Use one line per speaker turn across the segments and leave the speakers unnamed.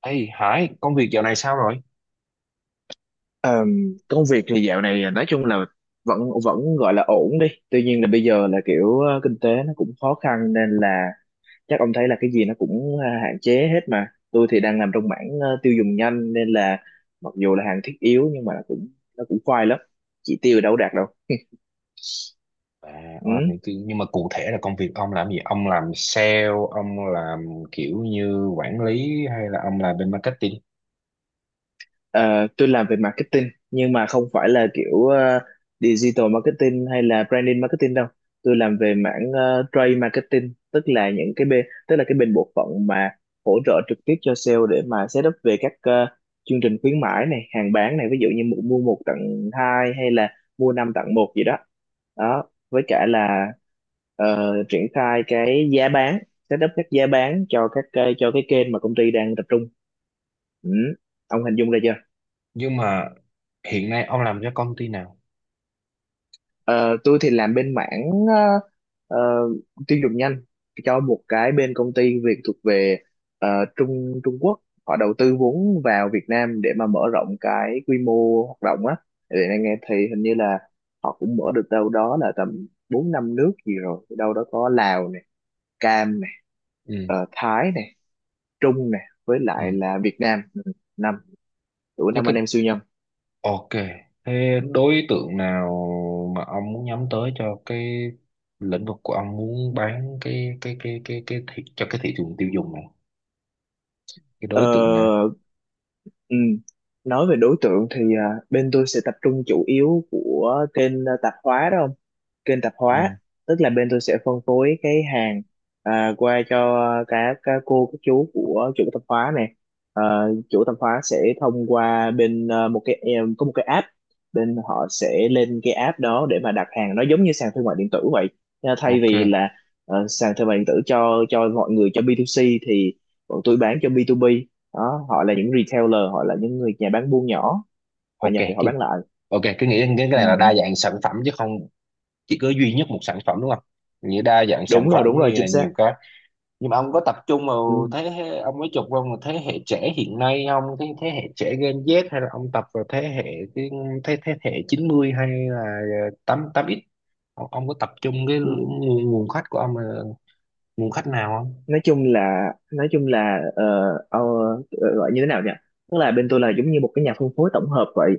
Ê Hải, công việc dạo này sao rồi?
Công việc thì dạo này, nói chung là vẫn vẫn gọi là ổn đi. Tuy nhiên là bây giờ là kiểu kinh tế nó cũng khó khăn nên là chắc ông thấy là cái gì nó cũng hạn chế hết mà. Tôi thì đang làm trong mảng tiêu dùng nhanh nên là mặc dù là hàng thiết yếu nhưng mà nó cũng khoai lắm. Chỉ tiêu đâu có đạt đâu.
À,
Ừ.
ông làm nhưng mà cụ thể là công việc ông làm gì? Ông làm sale, ông làm kiểu như quản lý hay là ông làm bên marketing?
Ờ, tôi làm về marketing nhưng mà không phải là kiểu digital marketing hay là branding marketing đâu. Tôi làm về mảng trade marketing, tức là cái bên bộ phận mà hỗ trợ trực tiếp cho sale để mà set up về các chương trình khuyến mãi này, hàng bán này, ví dụ như mua mua một tặng hai hay là mua năm tặng một gì đó. Đó, với cả là triển khai cái giá bán, set up các giá bán cho cho cái kênh mà công ty đang tập trung. Ừ. Ông hình dung ra chưa?
Nhưng mà hiện nay ông làm cho công ty nào?
Ờ, tôi thì làm bên mảng ờ, ờ, tiêu dùng nhanh cho một cái bên công ty Việt thuộc về ờ, Trung Trung Quốc họ đầu tư vốn vào Việt Nam để mà mở rộng cái quy mô hoạt động á. Để anh nghe thì hình như là họ cũng mở được đâu đó là tầm bốn năm nước gì rồi, đâu đó có Lào này, Cam này,
Ừ,
Thái này, Trung này với lại
ừ.
là Việt Nam. Ừ, năm
Chứ
năm anh
cái
em siêu nhân.
Ok. Thế đối tượng nào mà ông muốn nhắm tới cho cái lĩnh vực của ông muốn bán cho cái thị trường tiêu dùng này? Cái
Ờ,
đối tượng nào?
ừ. Nói về đối tượng thì bên tôi sẽ tập trung chủ yếu của kênh, tạp hóa đó không? Kênh tạp
Ừ,
hóa, tức là bên tôi sẽ phân phối cái hàng, qua cho các cô, các chú của chủ tạp hóa này. Ờ, Chủ tạp hóa sẽ thông qua bên, một cái em có một cái app, bên họ sẽ lên cái app đó để mà đặt hàng. Nó giống như sàn thương mại điện tử vậy. Nha. Thay
ok.
vì là sàn thương mại điện tử cho mọi người, cho B2C thì bọn tôi bán cho B2B. Đó, họ là những retailer, họ là những người nhà bán buôn nhỏ, họ
Ok,
nhập về họ bán lại.
ok, cứ nghĩ đến cái
Ừ.
này là đa
Ừ.
dạng sản phẩm chứ không chỉ có duy nhất một sản phẩm, đúng không? Nghĩa đa dạng sản
Đúng rồi,
phẩm
đúng rồi,
nghĩa
chính
là
xác.
nhiều cái. Nhưng mà ông có tập trung vào
Ừ.
thế hệ, ông mới chụp vào một thế hệ trẻ hiện nay không, thế thế hệ trẻ Gen Z, hay là ông tập vào thế hệ cái thế thế hệ 90 hay là tám tám x, ông có tập trung cái
Ừ.
nguồn khách của ông là nguồn khách nào không?
Nói chung là ờ, gọi như thế nào nhỉ, tức là bên tôi là giống như một cái nhà phân phối tổng hợp vậy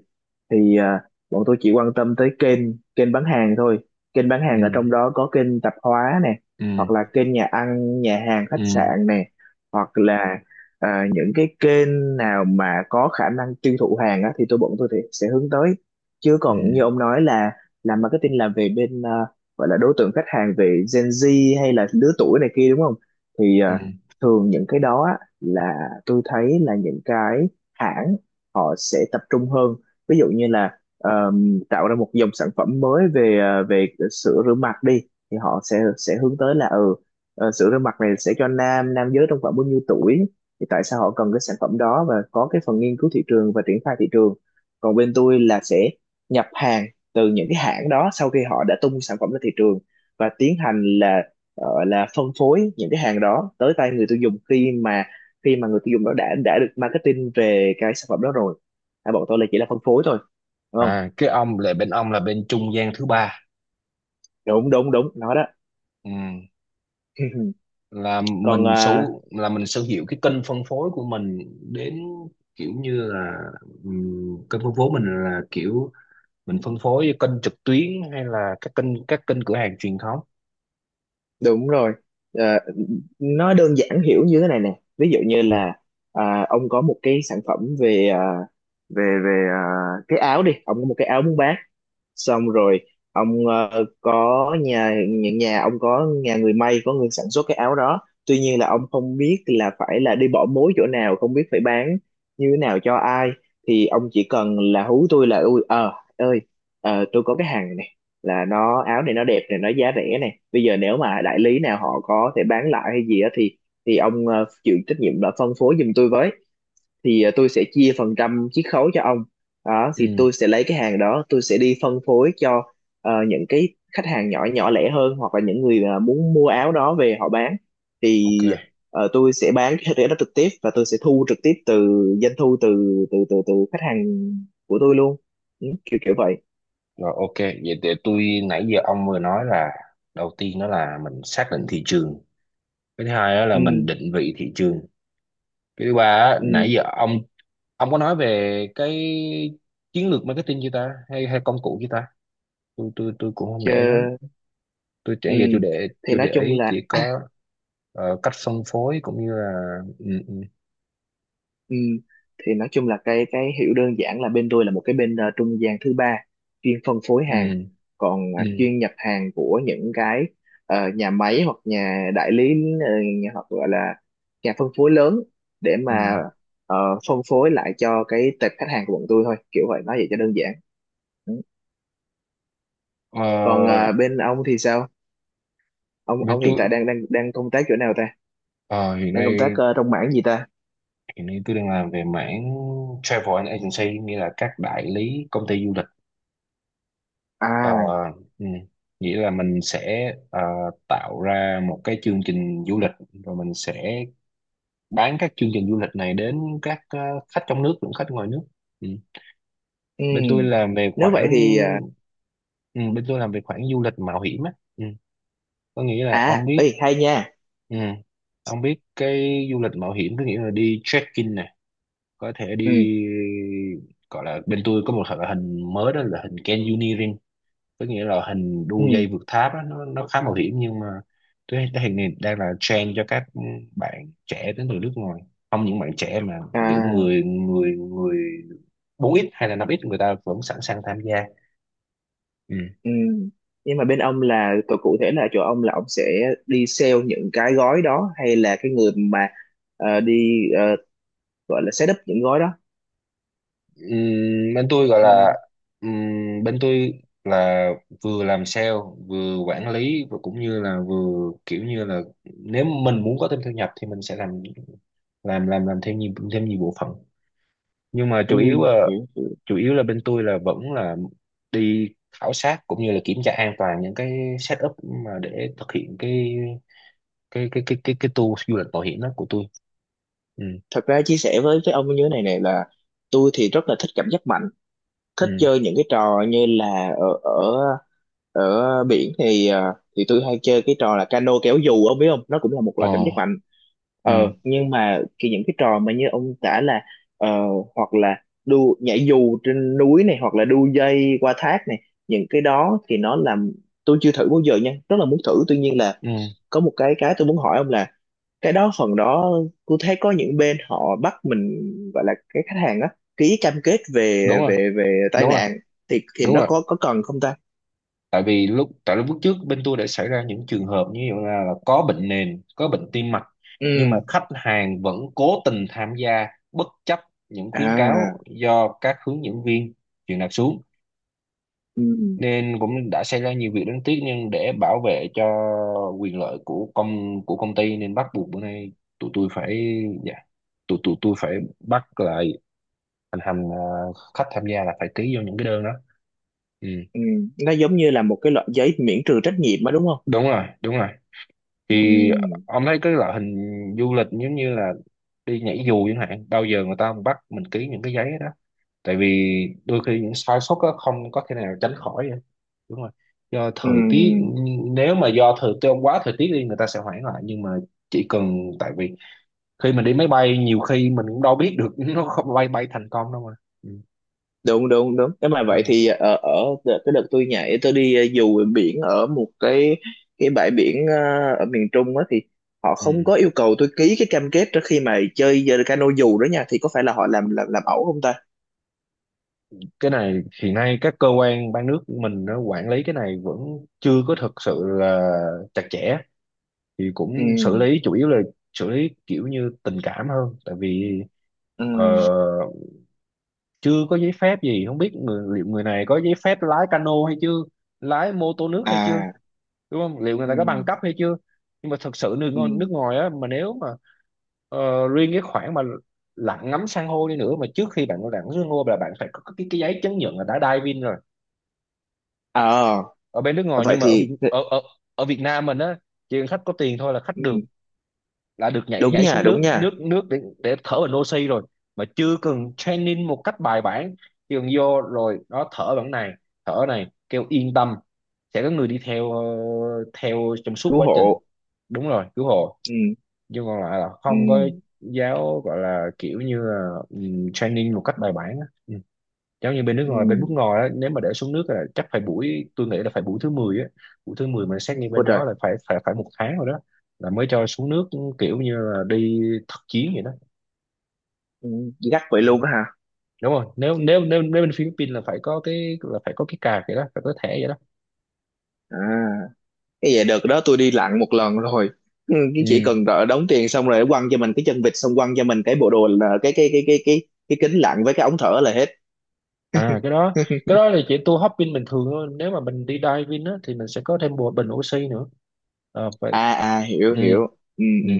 thì, bọn tôi chỉ quan tâm tới kênh kênh bán hàng thôi. Kênh bán hàng
Ừ,
ở trong đó có kênh tạp hóa nè, hoặc
ừ,
là kênh nhà ăn, nhà hàng, khách
ừ,
sạn nè, hoặc là những cái kênh nào mà có khả năng tiêu thụ hàng á, thì bọn tôi thì sẽ hướng tới. Chứ
ừ,
còn như ông nói là làm marketing là về bên, gọi là đối tượng khách hàng về Gen Z hay là lứa tuổi này kia đúng không thì,
ừ.
thường những cái đó á, là tôi thấy là những cái hãng họ sẽ tập trung hơn. Ví dụ như là tạo ra một dòng sản phẩm mới về về sữa rửa mặt đi, thì họ sẽ hướng tới là, ừ, sữa rửa mặt này sẽ cho nam nam giới trong khoảng bao nhiêu tuổi, thì tại sao họ cần cái sản phẩm đó, và có cái phần nghiên cứu thị trường và triển khai thị trường. Còn bên tôi là sẽ nhập hàng từ những cái hãng đó sau khi họ đã tung sản phẩm ra thị trường, và tiến hành là là phân phối những cái hàng đó tới tay người tiêu dùng, khi mà người tiêu dùng đó đã được marketing về cái sản phẩm đó rồi. Bọn tôi là chỉ là phân phối thôi đúng không?
À, cái ông là bên trung gian thứ ba.
Đúng, đúng, đúng, nó đó.
Ừ. là
Còn,
mình sở là mình sở hữu cái kênh phân phối của mình, đến kiểu như là, kênh phân phối mình là kiểu mình phân phối kênh trực tuyến hay là các kênh cửa hàng truyền thống.
đúng rồi. À, nó đơn giản hiểu như thế này nè. Ví dụ như là, ông có một cái sản phẩm về à, về về à, cái áo đi. Ông có một cái áo muốn bán, xong rồi ông có nhà những nhà ông có người may, có người sản xuất cái áo đó. Tuy nhiên là ông không biết là phải là đi bỏ mối chỗ nào, không biết phải bán như thế nào cho ai, thì ông chỉ cần là hú tôi là, ui, ơi tôi có cái hàng này này, là nó áo này, nó đẹp này, nó giá rẻ này, bây giờ nếu mà đại lý nào họ có thể bán lại hay gì đó thì ông chịu trách nhiệm là phân phối giùm tôi với, thì tôi sẽ chia phần trăm chiết khấu cho ông. Đó
Ừ,
thì tôi sẽ lấy cái hàng đó, tôi sẽ đi phân phối cho những cái khách hàng nhỏ nhỏ lẻ hơn, hoặc là những người, muốn mua áo đó về họ bán,
ok.
thì tôi sẽ bán cái rẻ đó trực tiếp, và tôi sẽ thu trực tiếp từ doanh thu từ từ từ từ khách hàng của tôi luôn. Ừ, kiểu kiểu vậy.
Rồi, ok, vậy để tôi, nãy giờ ông vừa nói là đầu tiên đó là mình xác định thị trường, cái thứ hai đó là
Ừ.
mình định vị thị trường, cái thứ ba á,
Ừ.
nãy giờ ông có nói về cái chiến lược marketing chưa ta, hay hay công cụ chưa ta? Tôi cũng không
Chứ.
để lắm. Tôi
Ừ,
chẳng về chủ đề
thì
chủ
nói
đề
chung
ấy
là
chỉ có cách phân phối, cũng như là, ừ, ừ,
Ừ, thì nói chung là cái hiểu đơn giản là bên tôi là một cái bên trung gian thứ ba chuyên phân phối
ừ,
hàng. Còn
ừ,
chuyên nhập hàng của những cái nhà máy hoặc nhà đại lý, ờ, hoặc gọi là nhà phân phối lớn, để
ừ.
mà ờ, phân phối lại cho cái tệp khách hàng của bọn tôi thôi, kiểu vậy, nói vậy cho đơn giản. Ừ. Còn
Ờ,
bên ông thì sao, ông
với
ông hiện
tôi,
tại đang đang đang công tác chỗ nào ta,
ờ, hiện
đang công tác
nay,
trong mảng gì ta?
tôi đang làm về mảng travel and agency, nghĩa là các đại lý công ty du lịch. Ờ,
À.
ừ. Nghĩa là mình sẽ tạo ra một cái chương trình du lịch, rồi mình sẽ bán các chương trình du lịch này đến các khách trong nước lẫn khách ngoài nước. Ừ.
Ừ.
Bên tôi làm về
Nếu
khoảng,
vậy thì
ừ, bên tôi làm về khoảng du lịch mạo hiểm á. Ừ. Có nghĩa là ông
à,
biết,
ấy hay nha.
ừ, ông biết cái du lịch mạo hiểm có nghĩa là đi trekking nè, có thể đi,
Ừ.
gọi là bên tôi có một loại hình mới, đó là hình canyoneering, có nghĩa là hình
Ừ.
đu dây vượt tháp á, nó khá mạo hiểm, nhưng mà tôi thấy cái hình này đang là trend cho các bạn trẻ đến từ nước ngoài, không những bạn trẻ mà kiểu
À.
người người người 4x hay là 5x, người ta vẫn sẵn sàng tham gia. Ừ.
Ừ. Nhưng mà bên ông là cụ cụ thể là chỗ ông là ông sẽ đi sale những cái gói đó, hay là cái người mà đi gọi là set up những gói đó?
Bên tôi gọi
Ừ.
là, bên tôi là vừa làm sale, vừa quản lý và cũng như là vừa kiểu như là, nếu mình muốn có thêm thu nhập thì mình sẽ làm thêm nhiều bộ phận, nhưng mà
Ừ.
chủ yếu là,
Hiểu, hiểu.
bên tôi là vẫn là đi khảo sát cũng như là kiểm tra an toàn những cái setup mà để thực hiện cái tour du lịch mạo hiểm đó của tôi. Ừ,
Thật ra chia sẻ với ông như thế này này, là tôi thì rất là thích cảm giác mạnh, thích
ừ,
chơi những cái trò như là ở ở ở biển thì thì tôi hay chơi cái trò là cano kéo dù, ông biết không, nó cũng là một
ờ,
loại cảm giác mạnh.
ừ,
Nhưng mà những cái trò mà như ông tả là, ờ, hoặc là đu nhảy dù trên núi này, hoặc là đu dây qua thác này, những cái đó thì nó làm tôi chưa thử bao giờ nha, rất là muốn thử. Tuy nhiên là
ừ.
có một cái tôi muốn hỏi ông là cái đó phần đó, tôi thấy có những bên họ bắt mình, gọi là cái khách hàng á, ký cam kết về
Đúng rồi,
về về tai
đúng rồi,
nạn, thì
đúng
nó
rồi.
có cần không ta?
Tại vì lúc trước bên tôi đã xảy ra những trường hợp như vậy, là có bệnh nền, có bệnh tim mạch, nhưng
Ừ.
mà khách hàng vẫn cố tình tham gia, bất chấp những khuyến cáo
À.
do các hướng dẫn viên truyền đạt xuống,
Ừ.
nên cũng đã xảy ra nhiều việc đáng tiếc. Nhưng để bảo vệ cho quyền lợi của công ty nên bắt buộc bữa nay tụi tôi phải dạ tụi tôi phải bắt lại, thành hành, khách tham gia là phải ký vô những cái đơn đó. Ừ.
Ừ, nó giống như là một cái loại giấy miễn trừ trách nhiệm á đúng không?
Đúng rồi, đúng rồi.
Ừ.
Thì ông thấy cái loại hình du lịch giống như là đi nhảy dù chẳng hạn, bao giờ người ta bắt mình ký những cái giấy đó, tại vì đôi khi những sai sót đó không có thể nào tránh khỏi vậy. Đúng rồi, do
Ừ.
thời tiết, nếu mà do thời tiết quá, thời tiết đi người ta sẽ hoãn lại. Nhưng mà chỉ cần, tại vì khi mình đi máy bay nhiều khi mình cũng đâu biết được nó không bay bay thành công đâu mà. Ừ,
Đúng, đúng, đúng. Nếu mà vậy
đúng rồi.
thì ở, ở cái đợt tôi nhảy, tôi đi dù biển ở một cái bãi biển, ở miền Trung á, thì họ không
Ừ.
có yêu cầu tôi ký cái cam kết trước khi mà chơi cano dù đó nha. Thì có phải là họ làm ẩu không ta?
Cái này hiện nay các cơ quan ban nước mình nó quản lý cái này vẫn chưa có thực sự là chặt chẽ, thì cũng xử
Ừ.
lý chủ yếu là xử lý kiểu như tình cảm hơn, tại vì
Ừ.
ờ, chưa có giấy phép gì, không biết liệu người này có giấy phép lái cano hay chưa, lái mô tô nước hay chưa,
À.
đúng không, liệu người này có bằng
Ừ.
cấp hay chưa. Nhưng mà thật sự nước
Ừ.
ngoài, nước ngoài á, mà nếu mà riêng cái khoản mà lặn ngắm san hô đi nữa, mà trước khi bạn lặn san hô là bạn phải có cái giấy chứng nhận là đã diving rồi
ờ
ở bên nước ngoài.
Vậy
Nhưng mà
thì, ừ,
ở Việt Nam mình á, chỉ cần khách có tiền thôi là khách
ừ.
được là được nhảy
Đúng
nhảy
nha,
xuống
đúng
nước
nha.
nước nước để thở bằng oxy rồi, mà chưa cần training một cách bài bản, chỉ cần vô rồi nó thở bằng này, thở này, kêu yên tâm sẽ có người đi theo, theo trong suốt
Cứu
quá trình.
hộ.
Đúng rồi, cứu hộ,
Ừ.
chứ còn lại là không có
Ừ.
giáo, gọi là kiểu như là, training một cách bài bản á. Ừ. Giống như bên nước ngoài,
Ừ.
á, nếu mà để xuống nước là chắc phải buổi tôi nghĩ là phải buổi thứ 10 á, buổi thứ 10 mà xét nghiệm
Ôi
bên
trời.
đó là phải phải phải một tháng rồi đó, là mới cho xuống nước, kiểu như là đi thực chiến vậy đó.
Ừ, gắt vậy
Ừ.
luôn á hả?
Đúng rồi, nếu nếu nếu nếu bên Philippines là phải có cái là phải có cái card vậy đó, phải có thẻ vậy đó.
À. Cái vậy, đợt đó tôi đi lặn một lần rồi. Ừ, cái chỉ
Ừ.
cần đợi đóng tiền xong rồi quăng cho mình cái chân vịt, xong quăng cho mình cái bộ đồ là cái kính lặn với cái ống thở là hết.
À, cái đó, là chỉ tour hopping bình thường thôi. Nếu mà mình đi diving á thì mình sẽ có thêm bộ bình oxy nữa. À, vậy.
À. À.
Ừ.
Hiểu, hiểu. Ừ.
Ừ.
Ừ.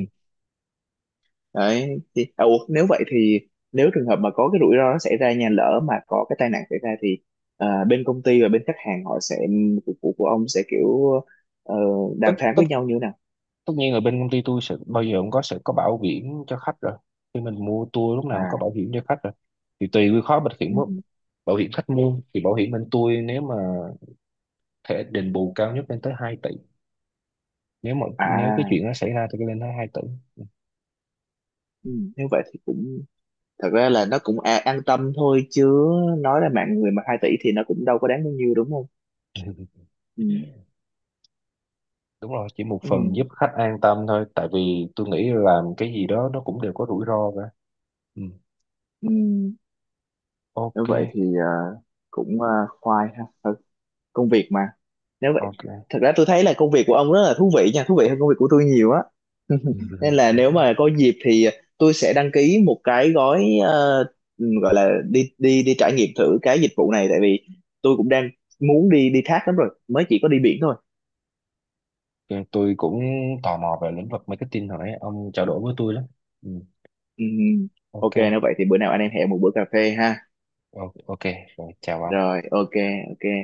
Đấy thì, ủa, nếu vậy thì, nếu trường hợp mà có cái rủi ro nó xảy ra, nhà lỡ mà có cái tai nạn xảy ra thì, bên công ty và bên khách hàng họ sẽ, của ông sẽ kiểu ờ,
Tất,
đàm phán
tất
với nhau như thế nào?
tất nhiên ở bên công ty tôi sẽ bao giờ cũng có sẽ có bảo hiểm cho khách rồi, khi mình mua tour lúc nào cũng có
À.
bảo hiểm cho khách rồi, thì tùy cái khóa bảo hiểm,
Ừ. Ừ.
bảo hiểm khách mua thì bảo hiểm bên tôi, nếu mà thẻ đền bù cao nhất lên tới 2 tỷ, nếu cái
À.
chuyện nó xảy ra thì lên tới 2 tỷ.
Ừ. Nếu vậy thì cũng, thật ra là nó cũng an tâm thôi chứ, nói là mạng người mà 2 tỷ thì nó cũng đâu có đáng bao nhiêu đúng không? Ừ.
Đúng rồi, chỉ một
Ừ.
phần giúp khách an tâm thôi, tại vì tôi nghĩ làm cái gì đó nó cũng đều có rủi ro cả. Ừ.
Ừ. Nếu
Ok.
vậy thì cũng khoai ha. Thôi, công việc mà. Nếu vậy,
Ok.
thật ra tôi thấy là công việc của ông rất là thú vị nha, thú vị hơn công việc của tôi nhiều á.
Ừ.
Nên là nếu mà có dịp thì tôi sẽ đăng ký một cái gói gọi là đi đi đi trải nghiệm thử cái dịch vụ này. Tại vì tôi cũng đang muốn đi đi thác lắm rồi, mới chỉ có đi biển thôi.
Ok, tôi cũng tò mò về lĩnh vực marketing rồi đấy, ông trao đổi với tôi lắm. Ừ.
Ừm, ok.
Ok.
Nếu vậy thì bữa nào anh em hẹn một bữa cà phê ha.
Ok. Rồi, chào ông.
Rồi, ok, ok.